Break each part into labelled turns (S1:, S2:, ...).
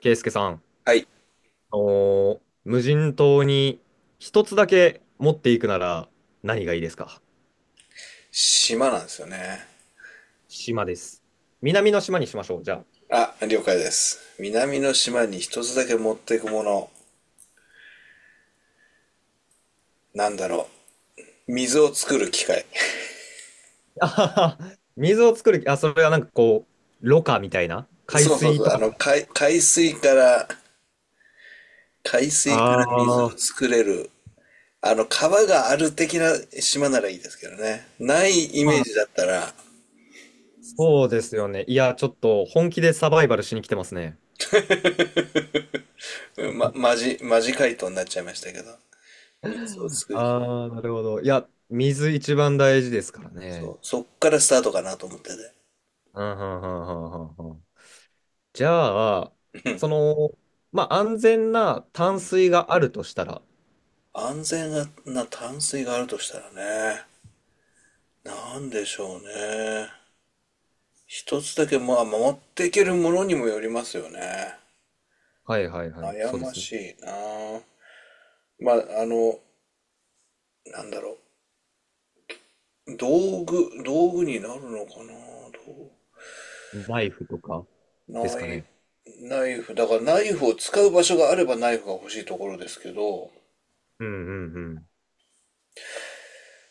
S1: ケイスケさん、
S2: はい。
S1: 無人島に一つだけ持っていくなら何がいいですか？
S2: 島なんですよね。
S1: 島です。南の島にしましょう、じゃ
S2: あ、了解です。南の島に一つだけ持っていくもの。なんだろ水を作る機械。
S1: あ。あはは水を作る、あ、それはなんかこう、ろ過みたいな海
S2: そうそう
S1: 水
S2: そう。
S1: とか。
S2: 海水から、海水か
S1: あ
S2: ら水を
S1: あ、
S2: 作れる。あの、川がある的な島ならいいですけどね。ないイ
S1: ま
S2: メー
S1: あ、
S2: ジだったら、
S1: そうですよね。いや、ちょっと本気でサバイバルしに来てますね。
S2: マジ回答になっちゃいましたけど。水を作る機械。
S1: ああ、なるほど。いや、水一番大事ですから
S2: そ
S1: ね。
S2: う。そっからスタートかなと思ってて。
S1: うん、うん、うん、うん、うん。うん。じゃあ、その、まあ、安全な淡水があるとしたら、
S2: 安全な淡水があるとしたらね。なんでしょうね。一つだけ、まあ、守っていけるものにもよりますよね。
S1: はいはいはい、
S2: 悩
S1: そうで
S2: ま
S1: すね。
S2: しいなぁ。まあ、あの、なんだろ道具になるのかな。
S1: ナイフとかで
S2: どう
S1: す
S2: ナ
S1: か
S2: イ、
S1: ね。
S2: ナイフ。だからナイフを使う場所があればナイフが欲しいところですけど、
S1: うんうんうん。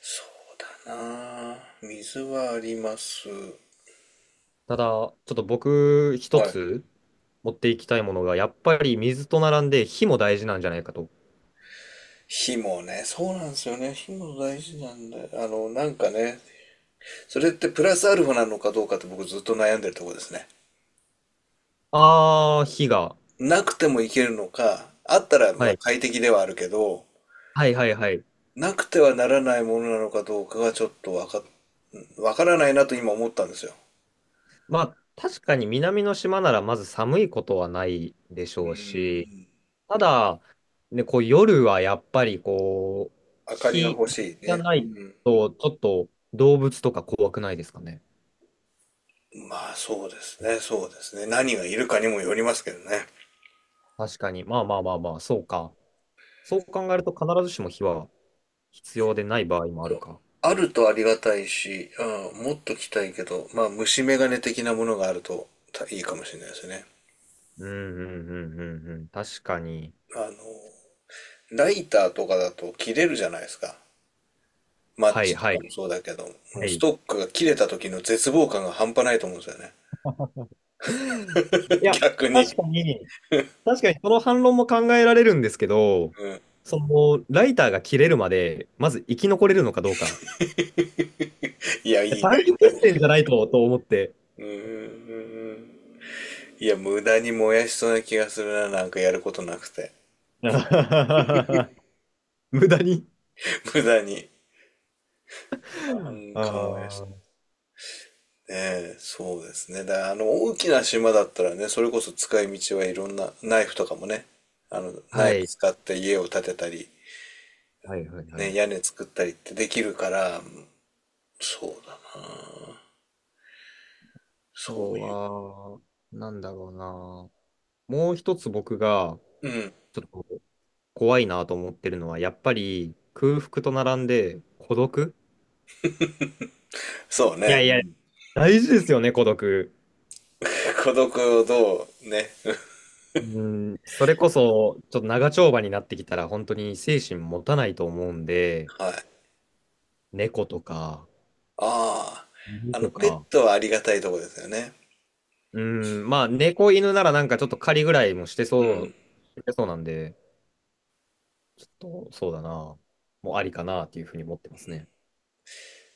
S2: そうだなぁ。水はあります。
S1: ただ、ちょっと僕、一
S2: はい。
S1: つ持っていきたいものが、やっぱり水と並んで火も大事なんじゃないかと。
S2: 火もね、そうなんですよね。火も大事なんだよ。それってプラスアルファなのかどうかって僕ずっと悩んでるところですね。
S1: ああ、火が。
S2: なくてもいけるのか、あったら
S1: は
S2: まあ
S1: い。
S2: 快適ではあるけど、
S1: はいはいはい。
S2: なくてはならないものなのかどうかがちょっとわか、わからないなと今思ったんですよ。
S1: まあ、確かに南の島ならまず寒いことはないでし
S2: う
S1: ょうし、
S2: ん。
S1: ただ、ね、こう夜はやっぱりこう、
S2: 明かりが
S1: 日
S2: 欲しい
S1: が
S2: ね。
S1: な
S2: う
S1: い
S2: ん。
S1: と、ちょっと動物とか怖くないですかね。
S2: まあそうですね、そうですね。何がいるかにもよりますけどね。
S1: 確かに。まあまあまあまあ、そうか。そう考えると必ずしも火は必要でない場合もあ
S2: そ
S1: る
S2: う。
S1: か。
S2: あるとありがたいし、うん、もっと来たいけど、まあ虫眼鏡的なものがあるとたいいかもしれないですね。
S1: うんうんうんうんうん。確かに。
S2: あの、ライターとかだと切れるじゃないですか。マッ
S1: はい
S2: チと
S1: はい
S2: かもそうだけど、も
S1: は
S2: うス
S1: い。
S2: トックが切れた時の絶望感が半端ないと思うんですよね。
S1: い や、
S2: 逆
S1: 確
S2: に。
S1: かに、確かに、その反論も考えられるんですけど、
S2: うん。
S1: その、ライターが切れるまで、まず生き残れるのかどうか。
S2: い
S1: い
S2: や、
S1: や
S2: いいか
S1: 短期
S2: い。
S1: 決戦じゃないと、と思って。
S2: うんうんうんんいや、無駄に燃やしそうな気がするな、なんかやることなくて。
S1: 無駄に。
S2: 無駄に。なん
S1: あ
S2: か燃やし、
S1: ー、
S2: ねえ、そうですね。だから大きな島だったらね、それこそ使い道はいろんな、ナイフとかもね、あの、ナ
S1: は
S2: イフ
S1: い。
S2: 使って家を建てたり、
S1: はいはいはい。
S2: ね、屋
S1: あ
S2: 根作ったりってできるから、そうだそう
S1: と
S2: いう。
S1: は、なんだろうな。もう一つ僕が
S2: うん。
S1: ちょっと怖いなと思ってるのは、やっぱり空腹と並んで孤独。
S2: そう
S1: い
S2: ね。
S1: や
S2: う
S1: いや、
S2: ん
S1: 大事ですよね、孤独。
S2: 孤独をどうね。
S1: うん、それこそ、ちょっと長丁場になってきたら、本当に精神持たないと思うんで、
S2: はい。
S1: 猫とか、
S2: あ
S1: 犬
S2: あ。あの、
S1: と
S2: ペッ
S1: か、
S2: トはありがたいとこですよね。
S1: うん、まあ、猫犬ならなんかちょっと狩りぐらいもして
S2: うん。
S1: そう、してそうなんで、ちょっと、そうだな。もうありかなっていうふうに思ってますね。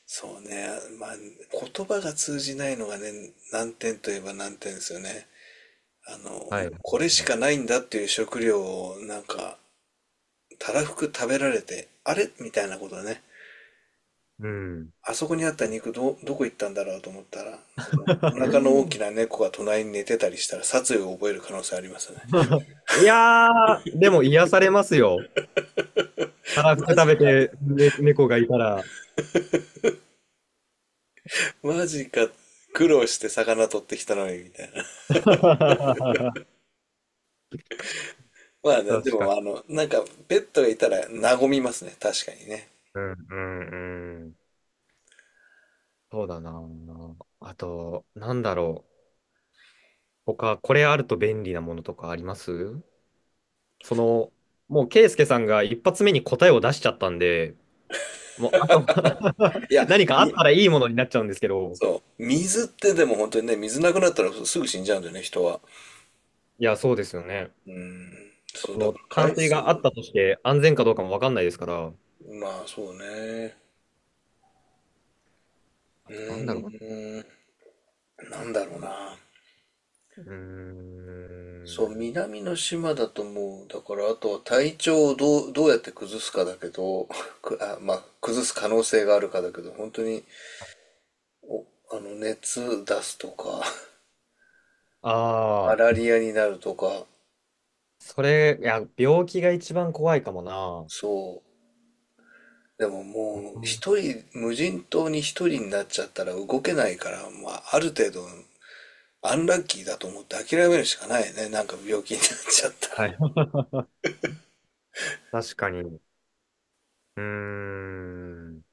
S2: そうね。まあ、言葉が通じないのがね、難点といえば難点ですよね。あの、も
S1: はい。
S2: うこれしかないんだっていう食料をなんか、たらふく食べられて、あれみたいなことね。
S1: うん。
S2: あそこにあった肉ど、どこ行ったんだろうと思ったら、なんかお腹の大 きな猫が隣に寝てたりしたら殺意を覚える可能性ありますよね。
S1: いやー、でも癒されますよ。たらふ く
S2: マ
S1: 食
S2: ジ
S1: べ
S2: か。
S1: て、ね、猫がいたら。
S2: マジか。苦労して魚取ってきたのに、みたいな。まあね、で
S1: 確か
S2: も、
S1: に。
S2: あの、なんか、ペットがいたら和みますね。確かにね。
S1: うんうんうん。そうだな。あと、なんだろう。他、これあると便利なものとかあります？その、もう、ケイスケさんが一発目に答えを出しちゃったんで、もう、あと
S2: い や、
S1: 何かあった
S2: み、
S1: らいいものになっちゃうんですけど。
S2: そう。水ってでも本当にね、水なくなったらすぐ死んじゃうんだよね、人は。
S1: いや、そうですよね。
S2: うん。そう、
S1: そ
S2: だ
S1: の
S2: から
S1: 淡
S2: 海
S1: 水
S2: 水
S1: があっ
S2: も、
S1: たとして安全かどうかもわかんないですから。
S2: まあそうね。
S1: あ
S2: う
S1: と、なんだろう
S2: ーん、なんだろうな。
S1: な。う
S2: そう、
S1: ーん。
S2: 南の島だともう、だからあとは体調をどうやって崩すかだけど、まあ、崩す可能性があるかだけど、本当にあの、熱出すとか、マ
S1: あ
S2: ラ
S1: あ、
S2: リアになるとか、
S1: それ、いや、病気が一番怖いかもな。
S2: そう。でも
S1: う
S2: もう、
S1: ん。
S2: 一人、無人島に一人になっちゃったら動けないから、まあ、ある程度、アンラッキーだと思って諦めるしかないね。なんか病気になっちゃったら。
S1: はい。確かに。うーん。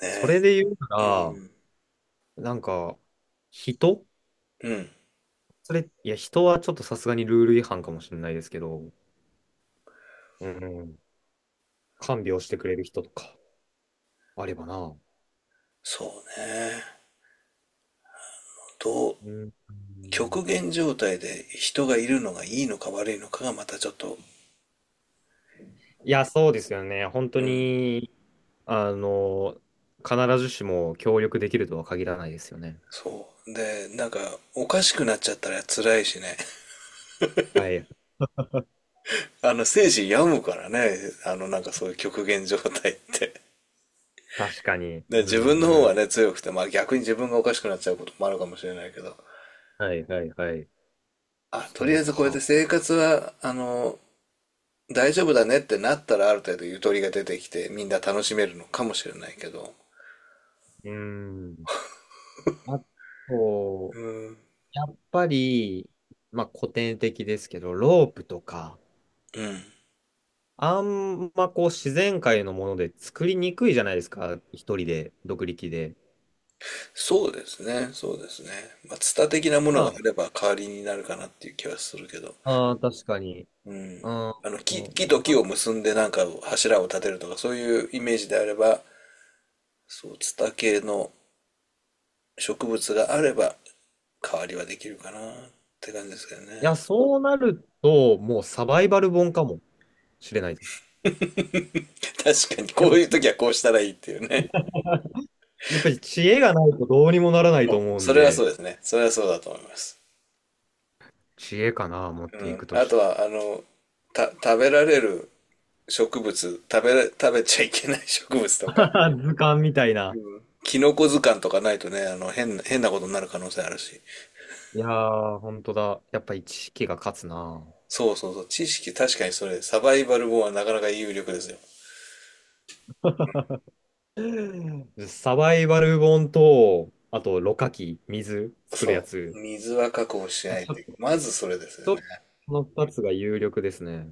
S2: ね
S1: そ
S2: え
S1: れで言うな
S2: うん。
S1: ら、なんか、人、
S2: うん。
S1: それ、いや、人はちょっとさすがにルール違反かもしれないですけど、うん。看病してくれる人とか、あればな。
S2: そうね。どう、
S1: うん。
S2: 極限状態で人がいるのがいいのか悪いのかがまたちょっと、
S1: いや、そうですよね。本当に、あの、必ずしも協力できるとは限らないですよね。
S2: そう。で、なんか、おかしくなっちゃったら辛いしね。
S1: はい。
S2: あの、生死病むからね、あの、なんかそういう極限状態って。
S1: 確かに。
S2: で、
S1: う
S2: 自分の方
S1: んう
S2: は
S1: ん。
S2: ね、強くて、まあ逆に自分がおかしくなっちゃうこともあるかもしれないけど、
S1: はいはいはい。
S2: あ、とり
S1: そ
S2: あえ
S1: う
S2: ずこうやって
S1: か。
S2: 生活は、あの、大丈夫だねってなったらある程度ゆとりが出てきて、みんな楽しめるのかもしれないけど、
S1: うん。あと、やっぱり、まあ古典的ですけど、ロープとか、
S2: うん。
S1: あんまこう自然界のもので作りにくいじゃないですか。一人で、独力で。
S2: そうですね、そうですね。まあ、ツタ的なものが
S1: ま
S2: あれば代わりになるかなっていう気はするけど、
S1: あ、あー確かに。うん。
S2: あの、
S1: うん
S2: 木と木を
S1: な。
S2: 結んでなんか柱を立てるとか、そういうイメージであれば、そう、ツタ系の植物があれば代わりはできるかなって感じですけど
S1: い
S2: ね。
S1: や、そうなると、もうサバイバル本かもしれないです。
S2: 確かに、
S1: や
S2: こ
S1: っ
S2: ういう
S1: ぱ、
S2: 時はこうしたらいいっていうね。
S1: やっぱり知恵がないとどうにもならないと
S2: もう、
S1: 思うん
S2: それはそう
S1: で、
S2: ですね。それはそうだと思います。
S1: 知恵かな、持っ
S2: う
S1: てい
S2: ん。
S1: くと
S2: あ
S1: し
S2: と
S1: た。
S2: は、あの、食べられる植物、食べちゃいけない植物とか、
S1: 図鑑みたいな。
S2: キノコ図鑑とかないとね、あの、変なことになる可能性あるし。
S1: いやー、本当だ。やっぱり知識が勝つな。
S2: そうそうそう。知識、確かにそれ、サバイバル本はなかなか有力ですよ。
S1: サバイバル本と、あと、ろ過器、水作るや
S2: そう。
S1: つ。
S2: 水は確保しないっ
S1: ちょっ
S2: て、
S1: と、ち
S2: まずそれですよ
S1: ょっ
S2: ね。
S1: と、この2つが有力ですね。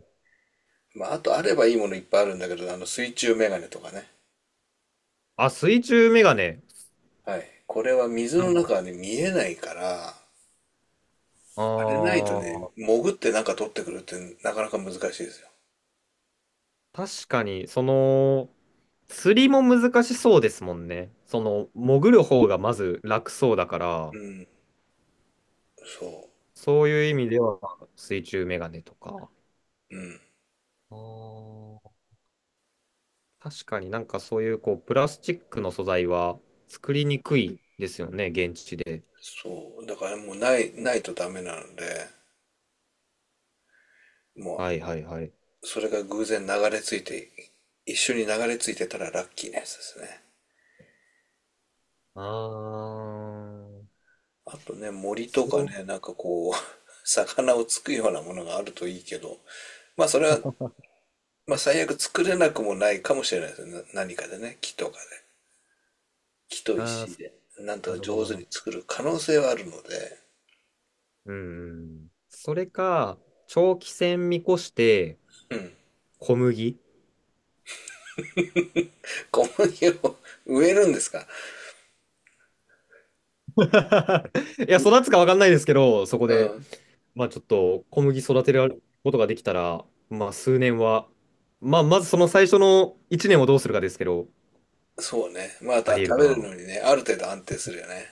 S2: まあ、あとあればいいものいっぱいあるんだけど、あの水中メガネとかね。
S1: あ、水中メガネ。
S2: はい。これは水
S1: なる
S2: の
S1: ほ
S2: 中は
S1: ど。
S2: ね、見えないから、あれないとね、潜ってなんか取ってくるってなかなか難しいですよ。
S1: あー、確かに、その、釣りも難しそうですもんね。その、潜る方がまず楽そうだから、
S2: うん。そう。
S1: そういう意味では水中メガネとか。あー、確かになんかそういうこう、プラスチックの素材は作りにくいですよね、現地で。
S2: そう。だからもうないとダメなので、も
S1: はいはいはい。
S2: う、それが偶然流れ着いて、一緒に流れ着いてたらラッキーなやつですね。
S1: あー、
S2: あとね、森とか
S1: そ
S2: ね、なんかこう、魚をつくようなものがあるといいけど、まあそれは最悪作れなくもないかもしれないですよね。何かでね、木とかで。木と
S1: う、あ
S2: 石
S1: ー、
S2: で。なんと
S1: な
S2: か
S1: るほ
S2: 上
S1: ど
S2: 手
S1: な。
S2: に作る可能性はあるので。
S1: うん。それか、長期戦見越して、
S2: うん。
S1: 小麦。い
S2: 小麦を 植えるんですか
S1: や、
S2: う、
S1: 育つか分かんないですけど、そこ
S2: う
S1: で。
S2: ん。
S1: まあちょっと小麦育てることができたら、まあ数年は、まあまずその最初の1年をどうするかですけど、
S2: そうね。ま
S1: あ
S2: た
S1: りえる
S2: 食
S1: か
S2: べる
S1: な。
S2: のにね、ある程度安定するよね。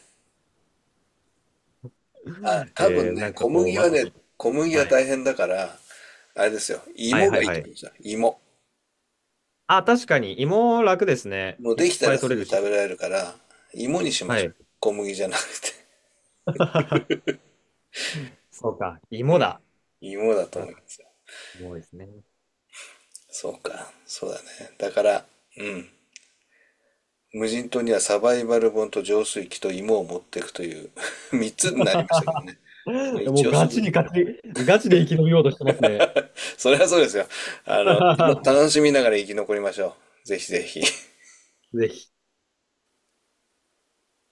S2: あ、多分
S1: な
S2: ね、
S1: んかこう、また、
S2: 小麦は
S1: はい、
S2: 大変だから、あれですよ。
S1: はい
S2: 芋
S1: は
S2: が
S1: い
S2: いい
S1: は
S2: と思いま
S1: い。
S2: した。芋。
S1: あ、確かに芋楽ですね。
S2: もう
S1: い
S2: で
S1: っ
S2: きた
S1: ぱ
S2: ら
S1: い取
S2: す
S1: れ
S2: ぐ
S1: る
S2: 食
S1: し。
S2: べられるから、芋にしま
S1: は
S2: しょう。
S1: い。
S2: 小麦じゃなくて。
S1: そうか、
S2: う
S1: 芋
S2: ん。
S1: だ。
S2: 芋だと
S1: うん、
S2: 思います。
S1: 芋ですね。
S2: そうか、そうだね。だから、うん。無人島にはサバイバル本と浄水器と芋を持っていくという 3つになりましたけどね。まあ、
S1: も
S2: 一
S1: う
S2: 応そ
S1: ガ
S2: う、
S1: チにガチ、ガチで生き延びようとしてますね。
S2: それはそうですよ。あの、た 楽しみながら生き残りましょう。ぜひぜひ。
S1: ぜひ。